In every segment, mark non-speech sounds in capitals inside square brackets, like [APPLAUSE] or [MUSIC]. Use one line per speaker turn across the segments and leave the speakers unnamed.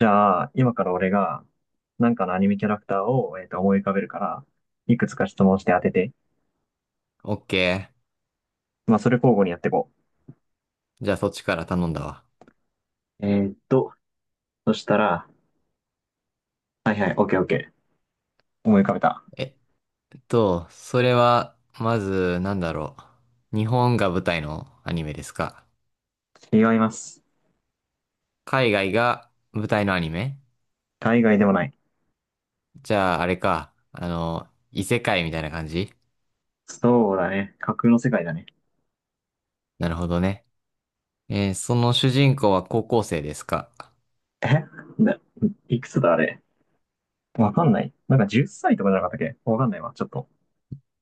じゃあ、今から俺が、なんかのアニメキャラクターを、思い浮かべるから、いくつか質問して当てて。
オッケ
まあ、それ交互にやっていこ
ー。じゃあそっちから頼んだわ。
う。そしたら、はいはい、オッケーオッケー。思い浮かべた。
えそれは、まず、日本が舞台のアニメですか？
違います。
海外が舞台のアニメ？
海外でもない。
じゃあ、あれか。異世界みたいな感じ？
そうだね。架空の世界だね。
なるほどね。その主人公は高校生ですか？
えな、いくつだあれ。わかんない。なんか10歳とかじゃなかったっけ、わかんないわ、ちょっと。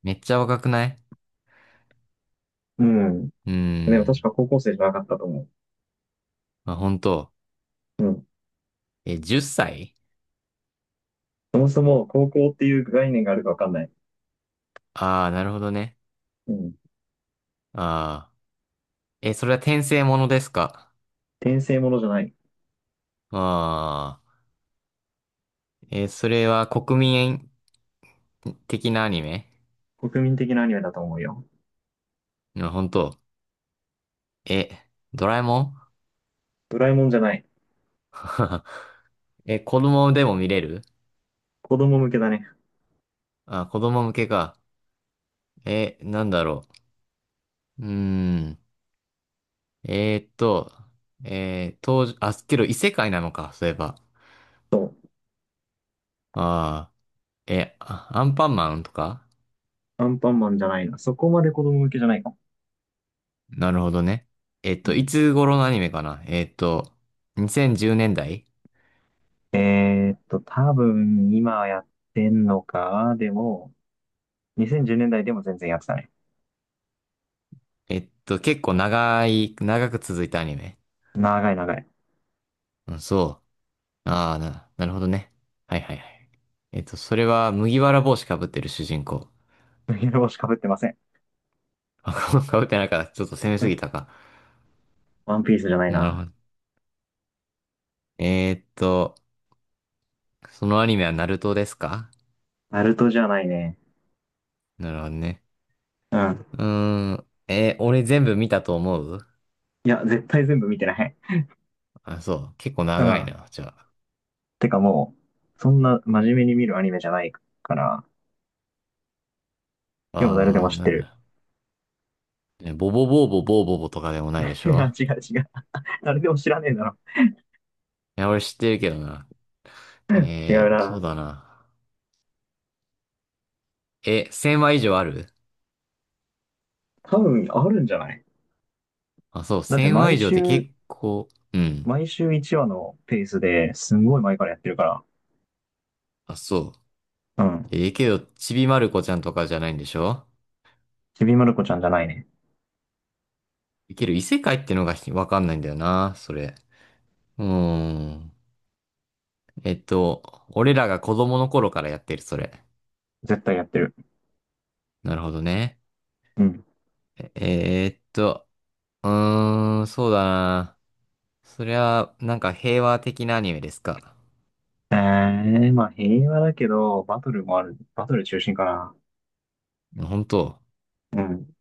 めっちゃ若くない？
うん。
うー
でも確
ん。
か高校生じゃなかったと思
まあ、本当。
う。うん。
え、10歳？
そもそも高校っていう概念があるかわかんない。
ああー、なるほどね。
うん。
ああ。え、それは転生ものですか？
転生ものじゃない。
ああー。それは国民的なアニメ？
国民的なアニメだと思うよ。
うん、本当。え、ドラえもん？
ドラえもんじゃない。
[LAUGHS] え、子供でも見れる？
子供向けだね。
あ、子供向けか。え、う。うーん。えーっと、当時、あ、けど異世界なのか、そういえば。
そう。
ああ、え、あアンパンマンとか？
アンパンマンじゃないな。そこまで子供向けじゃないかも。
なるほどね。えっ
う
と、い
ん。
つ頃のアニメかな？2010年代？
多分今やってんのか。でも、2010年代でも全然やってたね。
えっと、結構長い、長く続いたアニメ。
長い長い。
うん、そう。ああ、なるほどね。はいはいはい。えっと、それは麦わら帽子かぶってる主人公。
麦わら帽子かぶってません。
あ、[LAUGHS] かぶってないから、ちょっと攻め
う
すぎ
ん、
たか。
ワンピースじゃない
なる
な。
ほど。えーっと、そのアニメはナルトですか？
ナルトじゃないね。
なるほどね。
うん。
うーん。俺全部見たと思う？
いや、絶対全部見てない。
あ、そう。結構
う
長い
ん。
な、じゃ
てかもう、そんな真面目に見るアニメじゃないから、
あ。
でも誰で
あ
も
あ、
知っ
な
て
ん
る。
だ。ねボボボーボボーボボとかでもないで
[LAUGHS]
し
いや、
ょ？
違う違う。誰でも知らねえだろ。
いや、俺知ってるけどな。
違
え
う
ー、そう
な。
だな。え、1000話以上ある？
多分あるんじゃない？
あ、そう、
だって
1000話
毎
以上って
週、
結構、うん。
毎週1話のペースですんごい前からやってるから。
あ、そ
う
う。
ん。
えーけど、ちびまる子ちゃんとかじゃないんでしょ？
ちびまる子ちゃんじゃないね。
いける異世界ってのがひわかんないんだよな、それ。うーん。えっと、俺らが子供の頃からやってる、それ。
絶対やってる。
なるほどね。
うん。
えーっと、うーん、そうだな。そりゃ、なんか平和的なアニメですか。
えー、まあ平和だけど、バトルもある。バトル中心かな。
本当？
うん。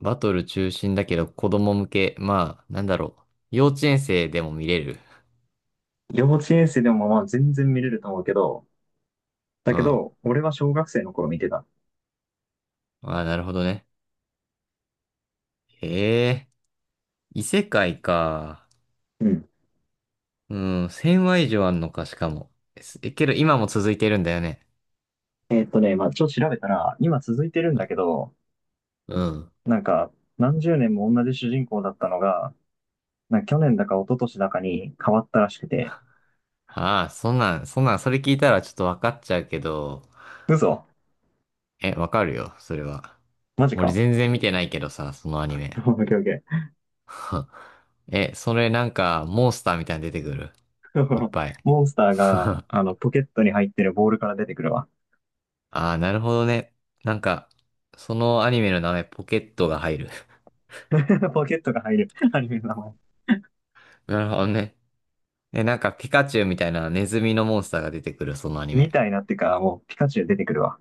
バトル中心だけど子供向け。まあ、なんだろう。幼稚園生でも見れる。
幼稚園生でもまあ全然見れると思うけど、だ
うん。
け
あ
ど、俺は小学生の頃見てた。
あ、なるほどね。へえ、異世界か。
うん。
うん、1000話以上あんのか、しかも。すえ、けど今も続いてるんだよね。
ね、まあちょっと調べたら、今続いてるん
う
だ
ん。
けど、
うん
なんか、何十年も同じ主人公だったのが、なんか去年だか一昨年だかに変わったらしくて。
ああ、そんなん、それ聞いたらちょっとわかっちゃうけど、
嘘、
え、わかるよ、それは。
マジ
俺
か。
全然見てないけどさ、そのア
[LAUGHS]
ニ
オ
メ。
ッケーオッケー。
[LAUGHS] え、それなんか、モンスターみたいに出てくる。いっ
[LAUGHS]
ぱい。
モンスター
[LAUGHS]
が、
あ
あの、ポケットに入ってるボールから出てくるわ。
あ、なるほどね。なんか、そのアニメの名前、ポケットが入る。[LAUGHS]
[LAUGHS] ポケットが入る [LAUGHS] アニメの名前。
なるほどね。え、なんか、ピカチュウみたいなネズミのモンスターが出てくる、そのアニ
み
メ。
たいなってか、もうピカチュウ出てくるわ。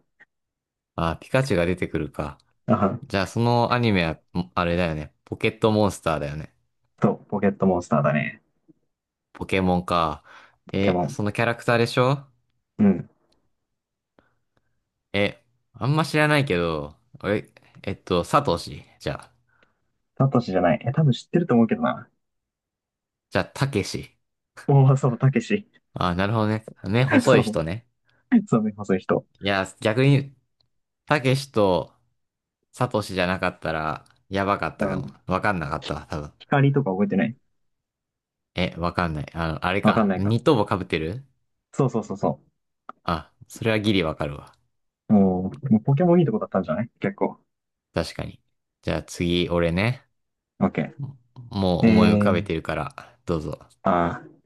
ああ、ピカチュウが出てくるか。
あは
じゃあ、そのアニメは、あれだよね。ポケットモンスターだよね。
と、ポケットモンスターだね。
ポケモンか。
ポケ
え、
モン。
そのキャラクターでしょ？
うん。
え、あんま知らないけど、え、えっと、サトシ。じゃあ、
サトシじゃない。え、多分知ってると思うけどな。
じゃあ、タケシ。
おお、そう、たけし。
あ、なるほどね。ね、
[LAUGHS]
細
そ
い
う、
人ね。
そうね、そういう人。
いや、逆に、タケシとサトシじゃなかったら、やばかっ
あ
たかも。
の、
わかんなかったわ、多分。
光とか覚えてない？
え、わかんない。あの、あれ
わかん
か。
ないか。
ニット帽被ってる？
そうそうそうそ
あ、それはギリわかるわ。
う。もう、もうポケモンいいとこだったんじゃない、結構。
確かに。じゃあ次、俺ね。
オッケ
も
ー。
う思い浮かべ
ー、
てるから、どうぞ。
あー、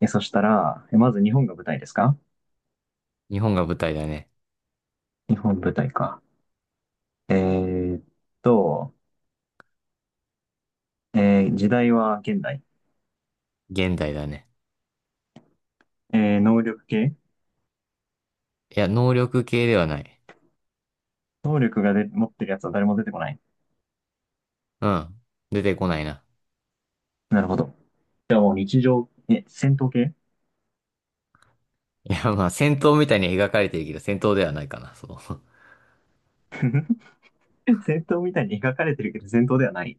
え、そしたら、え、まず日本が舞台ですか？
日本が舞台だね。
日本舞台か。えーっと、えー時代は現代。
現代だね。
えー能力系？
いや、能力系ではない。
能力がで持ってるやつは誰も出てこない。
うん。出てこないな。
なるほど。じゃあもう日常、え、戦闘系？
いや、まあ、戦闘みたいに描かれてるけど、戦闘ではないかな、そ
[LAUGHS] 戦闘みたいに描かれてるけど戦闘ではない。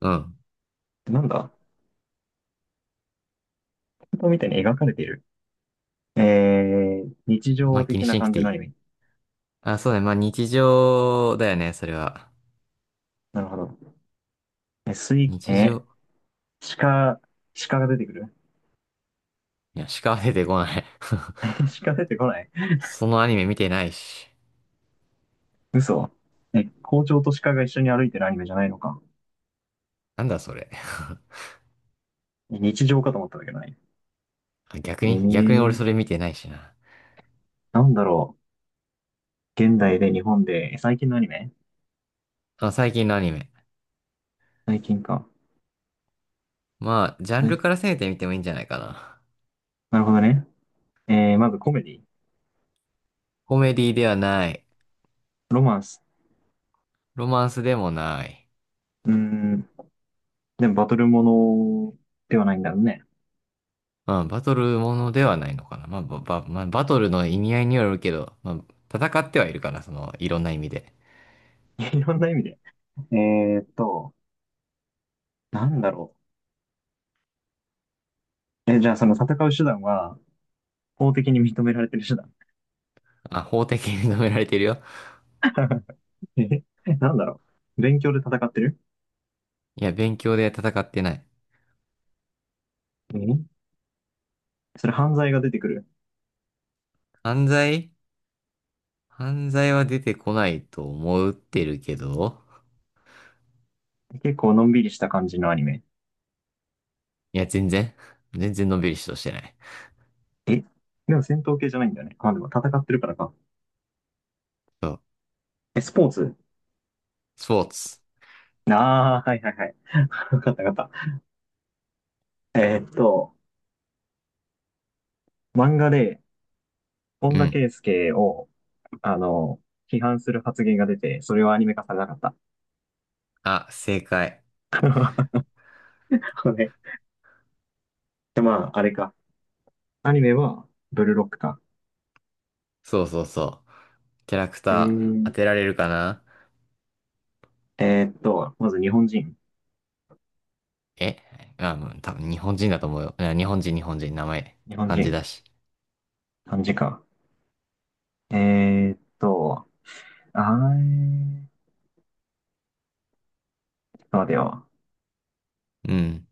う。[LAUGHS] うん。
なんだ、戦闘みたいに描かれてる。えー、日
まあ、
常
気に
的
し
な
なく
感じ
てい
のアニ
い。
メ。
あ、そうだね。まあ、日常だよね、それは。
なるほど。え、水、
日
え
常。
ー、鹿、鹿が出てくる？
いや、しか出てこない。
[LAUGHS] 鹿出てこない？
[LAUGHS] そのアニメ見てないし。
嘘。え、校長と鹿が一緒に歩いてるアニメじゃないのか。
なんだ、それ。[LAUGHS]
日常かと思ったんだけどね。
あ逆
え
に逆に俺
ー、
それ見てないしな。
なんだろう。現代で日本で、え最近のアニメ？
あ、最近のアニメ。
最近か。
まあ、ジャン
最
ル
近、
から攻めてみてもいいんじゃないかな。
なるほどね。えー、まずコメディ、
コメディではない。
ロマンス。
ロマンスでもない。
うーん、でもバトルものではないんだろうね。
まあ、バトルものではないのかな。まあ、まあ、バトルの意味合いによるけど、まあ、戦ってはいるかな、その、いろんな意味で。
[LAUGHS] いろんな意味で。えーっと、なんだろう。え、じゃあその戦う手段は、法的に認められてる手段。
まあ、法的に認められてるよ。
[LAUGHS] え、なんだろう。勉強で戦ってる？
いや、勉強で戦ってない。
えそれ犯罪が出てくる。
犯罪？犯罪は出てこないと思ってるけど、
結構のんびりした感じのアニメ。
いや、全然のんびりしとしてない。
え、でも戦闘系じゃないんだよね。まあ、でも戦ってるからか。
そう。
え、スポーツ？
スポーツ。
ああー、はいはいはい。[LAUGHS] わかったわかった。えーっと、漫画で、本
う
田
ん。
圭佑を、あの、批判する発言が出て、それはアニメ化されなかった。
あ、正解。
[LAUGHS] ねで、まあ、あれか。アニメは、ブルーロックか。
そうそうそう。キャラク
え
ター、当
ー、
てられるかな？
えーっと、まず日本人。
えあ、うん、多分日本人だと思うよ。日本人、名前、
日本
漢字
人。
だし。
漢字か。えーっと、あー、ちょっと待てよ。
うん。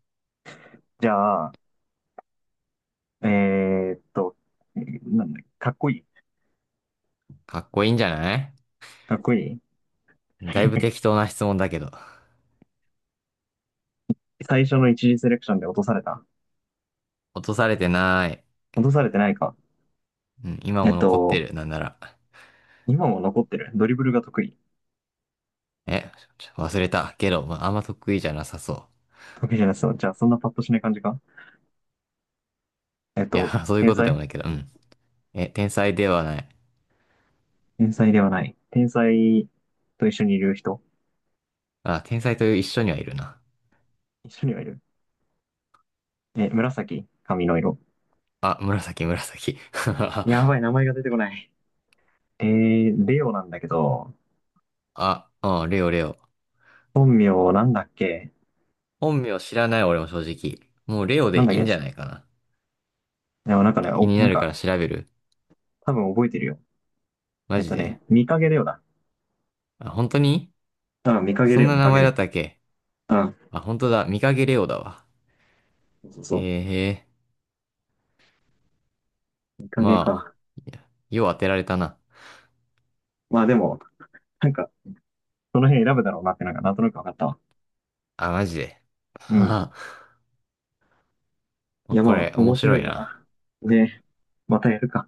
じゃあ、えーっと、なんだ、かっこいい。
かっこいいんじゃない？
かっこいい。
だいぶ
[LAUGHS]
適当な質問だけど。
最初の一次セレクションで落とされた。
落とされてない。
落とされてないか。
うん、今
え
も
っ
残って
と、
る、なんなら。
今も残ってる。ドリブルが得意。
え、ちょ忘れた。けど、まあ、あんま得意じゃなさそう。
わけじゃないですよ。じゃあ、そんなパッとしない感じか？えっ
いや、
と、
[LAUGHS] そういう
天
ことでも
才？
ないけど、うん。え、天才ではない。
天才ではない。天才と一緒にいる人？
あ、天才という一緒にはいるな。
一緒にはいる？え、紫髪の色。
あ、紫、紫。[LAUGHS]
やばい、名前が出てこない。えー、レオなんだけど、
あ、あ、レオ、レオ。
本名なんだっけ？
本名知らない、俺も正直。もうレオ
なん
で
だっ
いい
け
んじ
ち
ゃない
ょ、
かな。
でもなんかね、
気
お、
に
な
な
ん
るか
か、
ら調べる。
多分覚えてるよ。え
マ
っ
ジ
とね、
で。
見かげレオだ。
あ、本当に？
あ、見かけ
そん
レオ、
な
見
名
かけ
前
レ
だっ
オ、
たっけ？
あ、
あ、本当だ。見かけレオだわ。
そうそうそ
へ
う。
え、へえ。
見かけ
ま
か。
あ、いやよう当てられたな。
まあでも、なんか、その辺選ぶだろうなってなんか、なんとなくわかったわ。
あ、マジで。
う
は
ん。
は
い
まあ
や
こ
ま
れ、
あ、
面
面白
白い
い
な。
な。ね、またやるか。